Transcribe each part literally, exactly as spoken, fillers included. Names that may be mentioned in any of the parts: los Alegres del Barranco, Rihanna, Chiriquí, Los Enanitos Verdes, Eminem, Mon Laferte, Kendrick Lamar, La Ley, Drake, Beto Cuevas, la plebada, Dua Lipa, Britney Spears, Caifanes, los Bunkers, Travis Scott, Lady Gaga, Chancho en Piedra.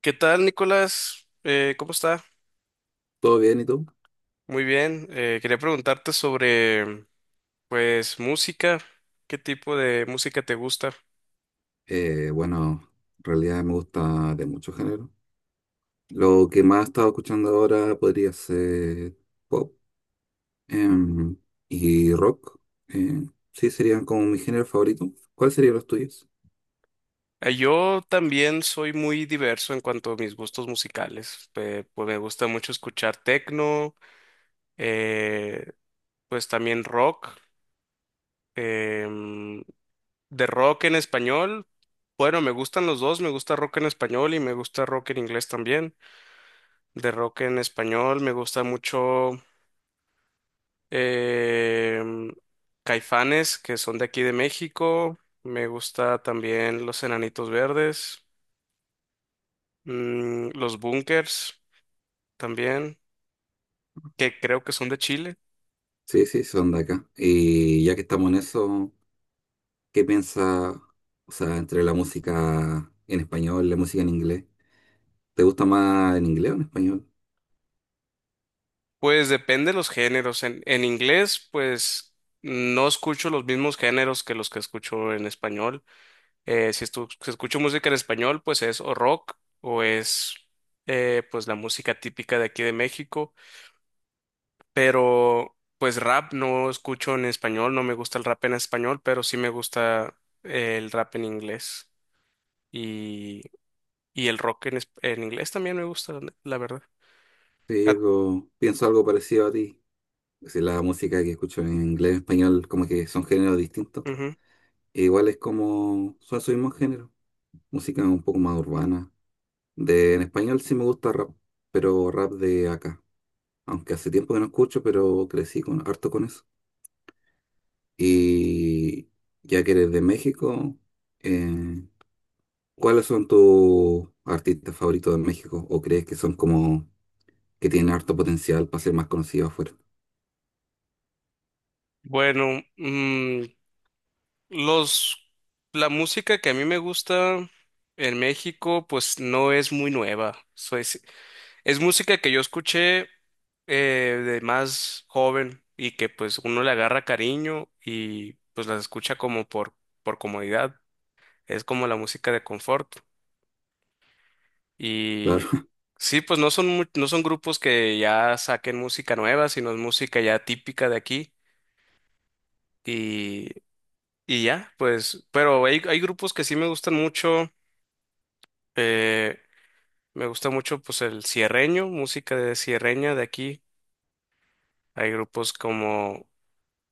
¿Qué tal, Nicolás? Eh, ¿cómo está? ¿Todo bien y tú? Muy bien. Eh, quería preguntarte sobre, pues, música. ¿Qué tipo de música te gusta? Eh, bueno, en realidad me gusta de muchos géneros. Lo que más he estado escuchando ahora podría ser pop em, y rock. eh, sí, serían como mi género favorito. ¿Cuáles serían los tuyos? Eh, yo también soy muy diverso en cuanto a mis gustos musicales. Eh, pues me gusta mucho escuchar techno, eh, pues también rock. em, de rock en español. Bueno, me gustan los dos, me gusta rock en español y me gusta rock en inglés también. De rock en español me gusta mucho Em, Caifanes, que son de aquí de México. Me gusta también Los Enanitos Verdes. Mm, Los Bunkers también, que creo que son de Chile. Sí, sí, son de acá. Y ya que estamos en eso, ¿qué piensas, o sea, entre la música en español y la música en inglés? ¿Te gusta más en inglés o en español? Pues depende de los géneros. En, en inglés, pues no escucho los mismos géneros que los que escucho en español. Eh, si, estu- si escucho música en español, pues es o rock o es eh, pues la música típica de aquí de México. Pero pues rap no escucho en español, no me gusta el rap en español, pero sí me gusta el rap en inglés y, y el rock en, es- en inglés también me gusta, la la verdad. Sí, Ah, yo creo- pienso algo parecido a ti. Si la música que escucho en inglés y español como que son géneros distintos. ujú. E igual es como, son su mismo género. Música un poco más urbana. De, en español sí me gusta rap, pero rap de acá. Aunque hace tiempo que no escucho, pero crecí con, harto con eso. Y ya que eres de México, eh, ¿cuáles son tus artistas favoritos de México? ¿O crees que son como que tienen harto potencial para ser más conocidos afuera? Bueno, mm, los, la música que a mí me gusta en México pues no es muy nueva, soy, si, es música que yo escuché eh, de más joven y que pues uno le agarra cariño y pues las escucha como por, por comodidad. Es como la música de confort. Y Claro. sí, pues no son, mu- no son grupos que ya saquen música nueva, sino es música ya típica de aquí. Y, y ya, pues, pero hay, hay grupos que sí me gustan mucho. eh, Me gusta mucho pues el cierreño, música de cierreña de aquí. Hay grupos como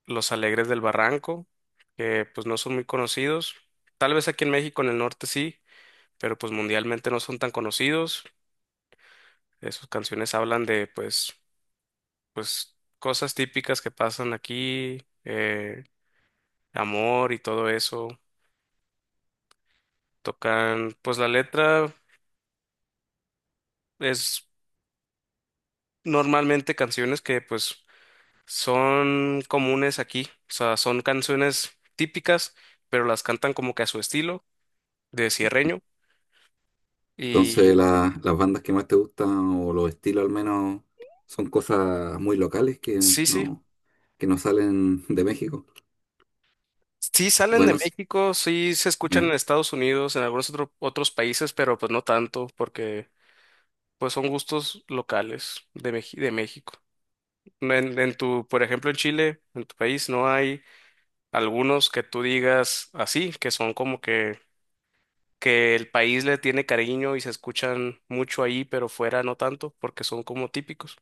los Alegres del Barranco, que pues no son muy conocidos. Tal vez aquí en México, en el norte sí, pero pues mundialmente no son tan conocidos. Eh, sus canciones hablan de pues, pues cosas típicas que pasan aquí, eh, amor y todo eso. Tocan, pues la letra es normalmente canciones que pues son comunes aquí, o sea, son canciones típicas, pero las cantan como que a su estilo de sierreño. Entonces, Y la- las bandas que más te gustan, o los estilos al menos, son cosas muy locales que sí, sí, no, que no salen de México. sí salen de Bueno, s- México, sí se escuchan ya. en Estados Unidos, en algunos otro- otros países, pero pues no tanto, porque pues son gustos locales de, Meji- de México. No. En, en tu, por ejemplo, en Chile, en tu país, ¿no hay algunos que tú digas así, que son como que, que el país le tiene cariño y se escuchan mucho ahí, pero fuera no tanto, porque son como típicos?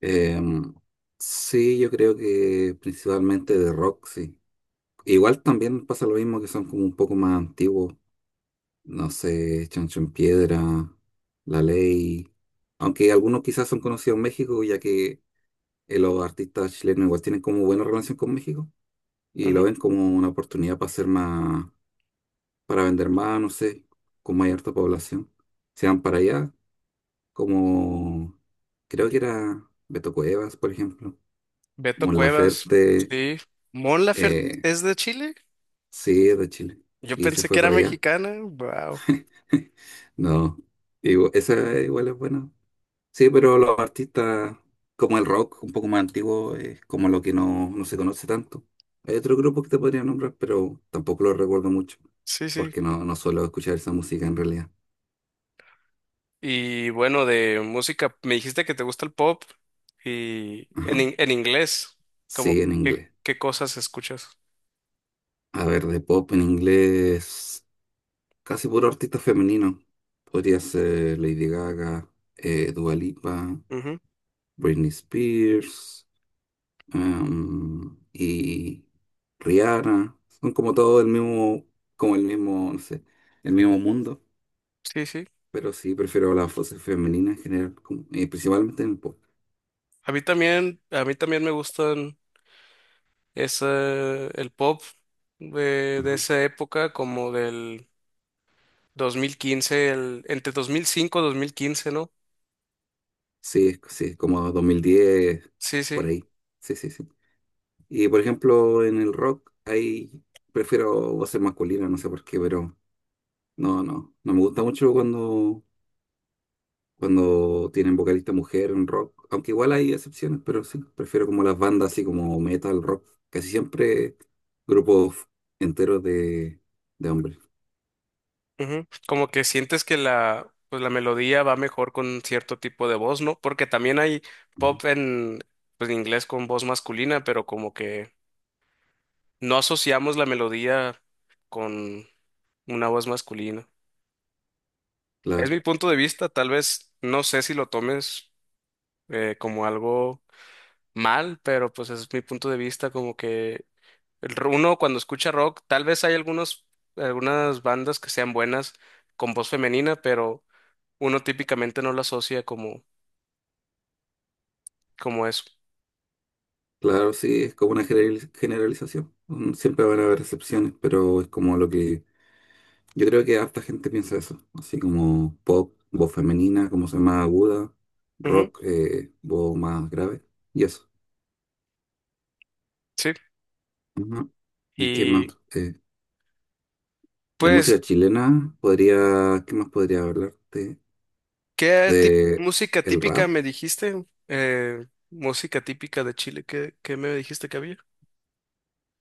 Em, sí, yo creo que principalmente de rock, sí. Igual también pasa lo mismo que son como un poco más antiguos. No sé, Chancho en Piedra, La Ley. Aunque algunos quizás son conocidos en México, ya que eh, los artistas chilenos igual tienen como buena relación con México y lo Ujú. ven como una oportunidad para hacer más. Para vender más, no sé, con mayor población. Se van para allá, como creo que era Beto Cuevas, por ejemplo, Beto Mon Cuevas, Laferte, sí. Mon Laferte eh, es de Chile. sí, es de Chile, Yo y se pensé que fue era para allá. mexicana. Wow. No, digo, esa igual es buena. Sí, pero los artistas, como el rock, un poco más antiguo, es como lo que no, no se conoce tanto. Hay otro grupo que te podría nombrar, pero tampoco lo recuerdo mucho, Sí, sí. porque no, no suelo escuchar esa música en realidad. Y bueno, de música, me dijiste que te gusta el pop y Ajá. en, in- en inglés, como Sí, en qué, inglés. qué cosas escuchas. A ver, de pop en inglés, casi puro artista femenino. Podría ser Lady Gaga, eh, Dua Lipa, Ujú, Britney Spears, em, y Rihanna. Son como todo el mismo, como el mismo, no sé, el mismo mundo. sí, sí. Pero sí, prefiero las voces femeninas en general, como- eh, principalmente en el pop. A mí también, a mí también me gustan ese, el pop de, de Ajá. esa época, como del dos mil quince, el, entre dos mil cinco y dos mil quince, ¿no? Sí, es- sí, es como dos mil diez, Sí, por sí. ahí. Sí, sí, sí. Y por ejemplo, en el rock hay, prefiero voces masculinas, no sé por qué, pero no, no, no me gusta mucho cuando, cuando tienen vocalista mujer en rock, aunque igual hay excepciones, pero sí, prefiero como las bandas así como metal, rock, casi siempre grupos enteros de, de hombres. Ujú. Como que sientes que la, pues la melodía va mejor con cierto tipo de voz, ¿no? Porque también hay Ujú. pop en, pues, en inglés con voz masculina, pero como que no asociamos la melodía con una voz masculina. Es Claro, mi punto de vista, tal vez no sé si lo tomes eh, como algo mal, pero pues es mi punto de vista, como que el r- uno cuando escucha rock, tal vez hay algunos, algunas bandas que sean buenas con voz femenina, pero uno típicamente no lo asocia como, como eso. claro, sí, es como una generaliz- generalización. Mm, siempre van a haber excepciones, pero es como lo que yo creo que harta gente piensa eso, así como pop, voz femenina, como se llama aguda, Ujú, rock, eh, voz más grave, y eso. sí. Ujú. ¿Y qué Y más? Eh, de pues, música chilena, podría, ¿qué más podría hablarte? ¿qué tip- De música el típica rap. me dijiste? Eh, música típica de Chile, ¿qué, qué me dijiste que había?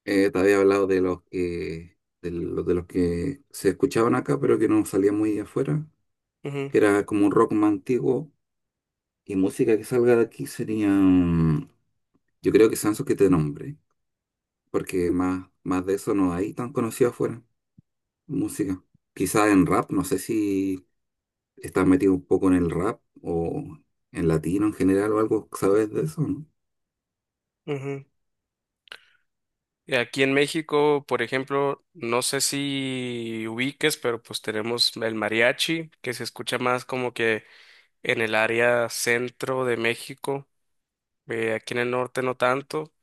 Eh, te había hablado de los que, de los, de los que se escuchaban acá, pero que no salían muy afuera, que era como un rock más antiguo, y música que salga de aquí sería, mm, yo creo que Sanso que te nombre. Porque más, más de eso no hay tan conocido afuera, música. Quizá en rap, no sé si estás metido un poco en el rap o en latino en general o algo, ¿sabes de eso, no? Ujú, ujú. Y aquí en México, por ejemplo, no sé si ubiques, pero pues tenemos el mariachi, que se escucha más como que en el área centro de México. Eh, aquí en el norte no tanto,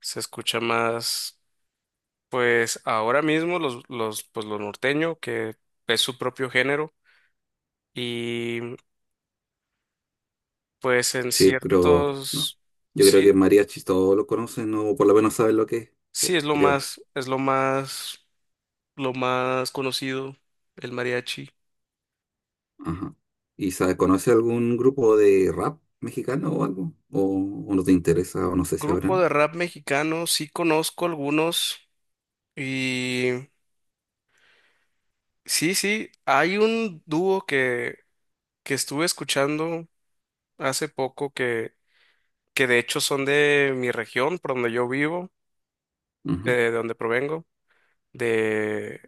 se escucha más. Pues ahora mismo los, los, pues lo norteño, que es su propio género, y pues en Sí, pero no. ciertos, Yo creo que sí, mariachi todos lo conocen o por lo menos saben lo que es, sí po- es lo creo. más, es lo más, lo más conocido, el mariachi. Ajá. ¿Y sabe, conoce algún grupo de rap mexicano o algo? ¿O, o no te interesa o no sé si Grupo habrán? de rap mexicano, sí conozco algunos, y sí, sí, hay un dúo que, que estuve escuchando hace poco que, que de hecho son de mi región, por donde yo vivo, eh, Ujú, de donde provengo de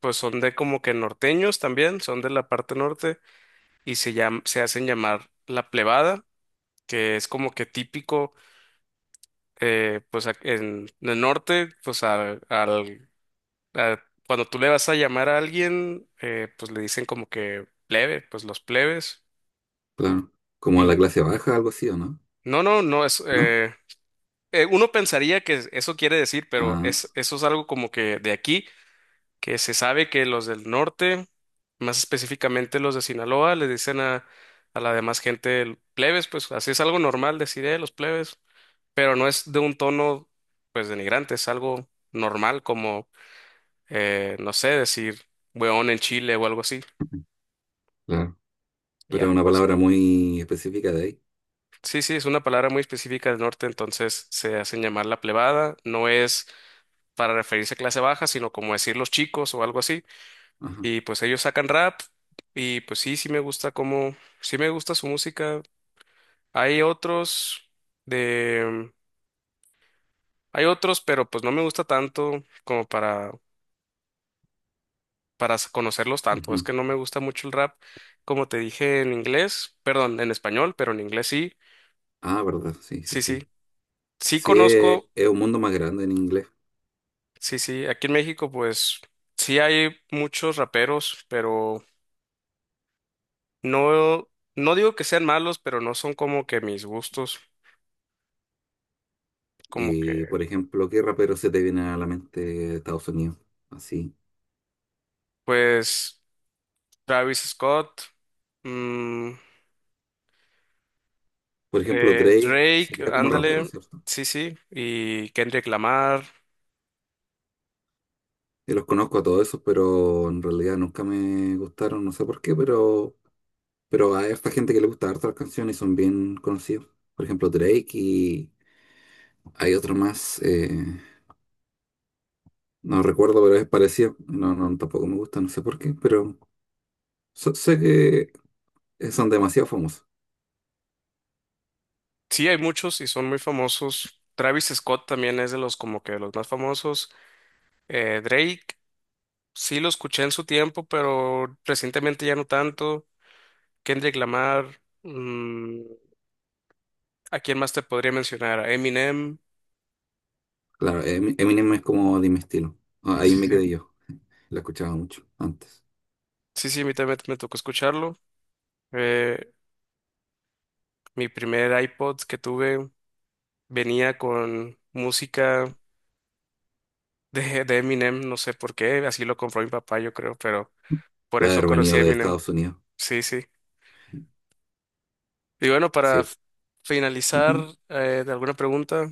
pues son de como que norteños también, son de la parte norte y se llam- se hacen llamar la plebada, que es como que típico, eh, pues ac- en, en el norte, pues al, al- a- cuando tú le vas a llamar a alguien, eh, pues le dicen como que plebe, pues los plebes. claro. ¿Como la Y clase baja, algo así, o no? no, no, no es, ¿No? eh, eh, uno pensaría que eso quiere decir, pero Ah, es, eso es algo como que de aquí. Que se sabe que los del norte, más específicamente los de Sinaloa, les dicen a, a la demás gente el- plebes, pues así es algo normal decir "Eh, los plebes", pero no es de un tono pues denigrante, es algo normal como, eh, no sé, decir weón en Chile o algo así. claro. Pero es Ya, una pues palabra muy específica de ahí. sí, sí, es una palabra muy específica del norte, entonces se hacen llamar la plebada, no es para referirse a clase baja, sino como decir los chicos o algo así. Ajá. Y pues ellos sacan rap y pues sí, sí me gusta cómo, sí me gusta su música. Hay otros de, hay otros, pero pues no me gusta tanto como para, para s- conocerlos tanto. Es Ujú. que no me gusta mucho el rap, como te dije en inglés, perdón, en español, pero en inglés sí, Ah, verdad, sí, sí, sí, sí. sí. Sí Sí, es, conozco, es un mundo más grande en inglés. sí, sí, aquí en México pues sí hay muchos raperos, pero no, no digo que sean malos, pero no son como que mis gustos, como que Y, por ejemplo, ¿qué rapero se te viene a la mente de Estados Unidos? Así. pues... Travis Scott, mm, Por ejemplo, eh, Drake Drake, sería como rapero, ándale, ¿cierto? sí, sí, y Kendrick Lamar. Yo los conozco a todos esos, pero en realidad nunca me gustaron, no sé por qué, pero, pero hay esta gente que le gusta harto las canciones y son bien conocidos. Por ejemplo, Drake y hay otro más, eh, no recuerdo, pero es parecido. No, no, tampoco me gusta, no sé por qué, pero... So- sé que eh, son demasiado famosos. Sí, hay muchos y son muy famosos. Travis Scott también es de los como que los más famosos. Eh, Drake, sí lo escuché en su tiempo, pero recientemente ya no tanto. Kendrick Lamar, mm, ¿a quién más te podría mencionar? A Eminem. Claro, Emi- Eminem es como de mi estilo. Ah, ahí me Sí, quedé yo. La escuchaba mucho antes sí, sí, a mí también me tocó escucharlo. Eh, Mi primer iPod que tuve venía con música de, de Eminem, no sé por qué, así lo compró mi papá, yo creo, pero por de eso haber conocí venido a de Eminem. Estados Unidos. Sí, sí. Y bueno, para Sí. f- finalizar Ujú. eh, de alguna pregunta,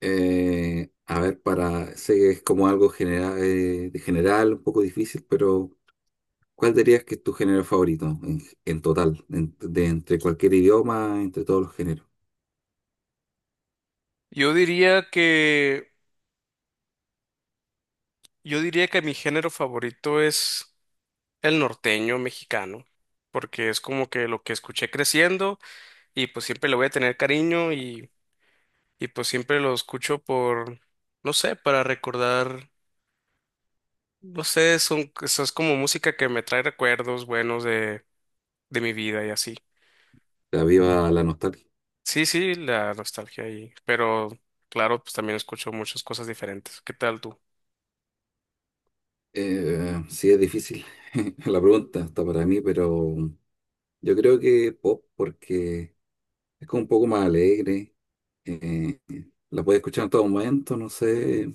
Eh, a ver, para, sé que es como algo general, de general, un poco difícil, pero ¿cuál dirías que es tu género favorito en, en total, en- de entre cualquier idioma, entre todos los géneros? yo diría que yo diría que mi género favorito es el norteño mexicano, porque es como que lo que escuché creciendo y pues siempre le voy a tener cariño y y pues siempre lo escucho por no sé, para recordar, no sé, son eso es como música que me trae recuerdos buenos de de mi vida y así. La viva la nostalgia. Sí, sí, la nostalgia ahí, pero claro, pues también escucho muchas cosas diferentes. ¿Qué tal tú? Eh, sí, es difícil la pregunta hasta para mí, pero yo creo que pop porque es como un poco más alegre, eh, la puedes escuchar en todo momento, no sé,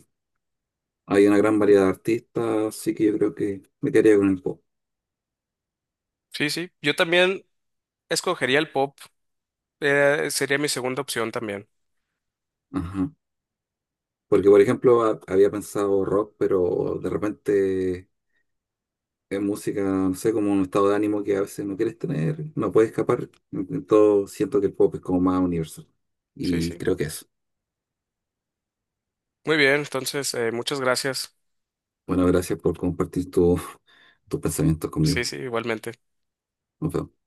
hay una gran variedad de artistas, así que yo creo que me quedaría con el pop. Sí, sí, yo también escogería el pop, eh, sería mi segunda opción también. Ajá. Porque, por ejemplo, ha- había pensado rock, pero de repente es música, no sé, como un estado de ánimo que a veces no quieres tener, no puedes escapar, entonces siento que el pop es como más universal Sí, y sí. creo que eso. Muy bien, entonces, eh, muchas gracias. Bueno, gracias por compartir tu- tus pensamientos Sí, conmigo. sí, igualmente. Nos vemos.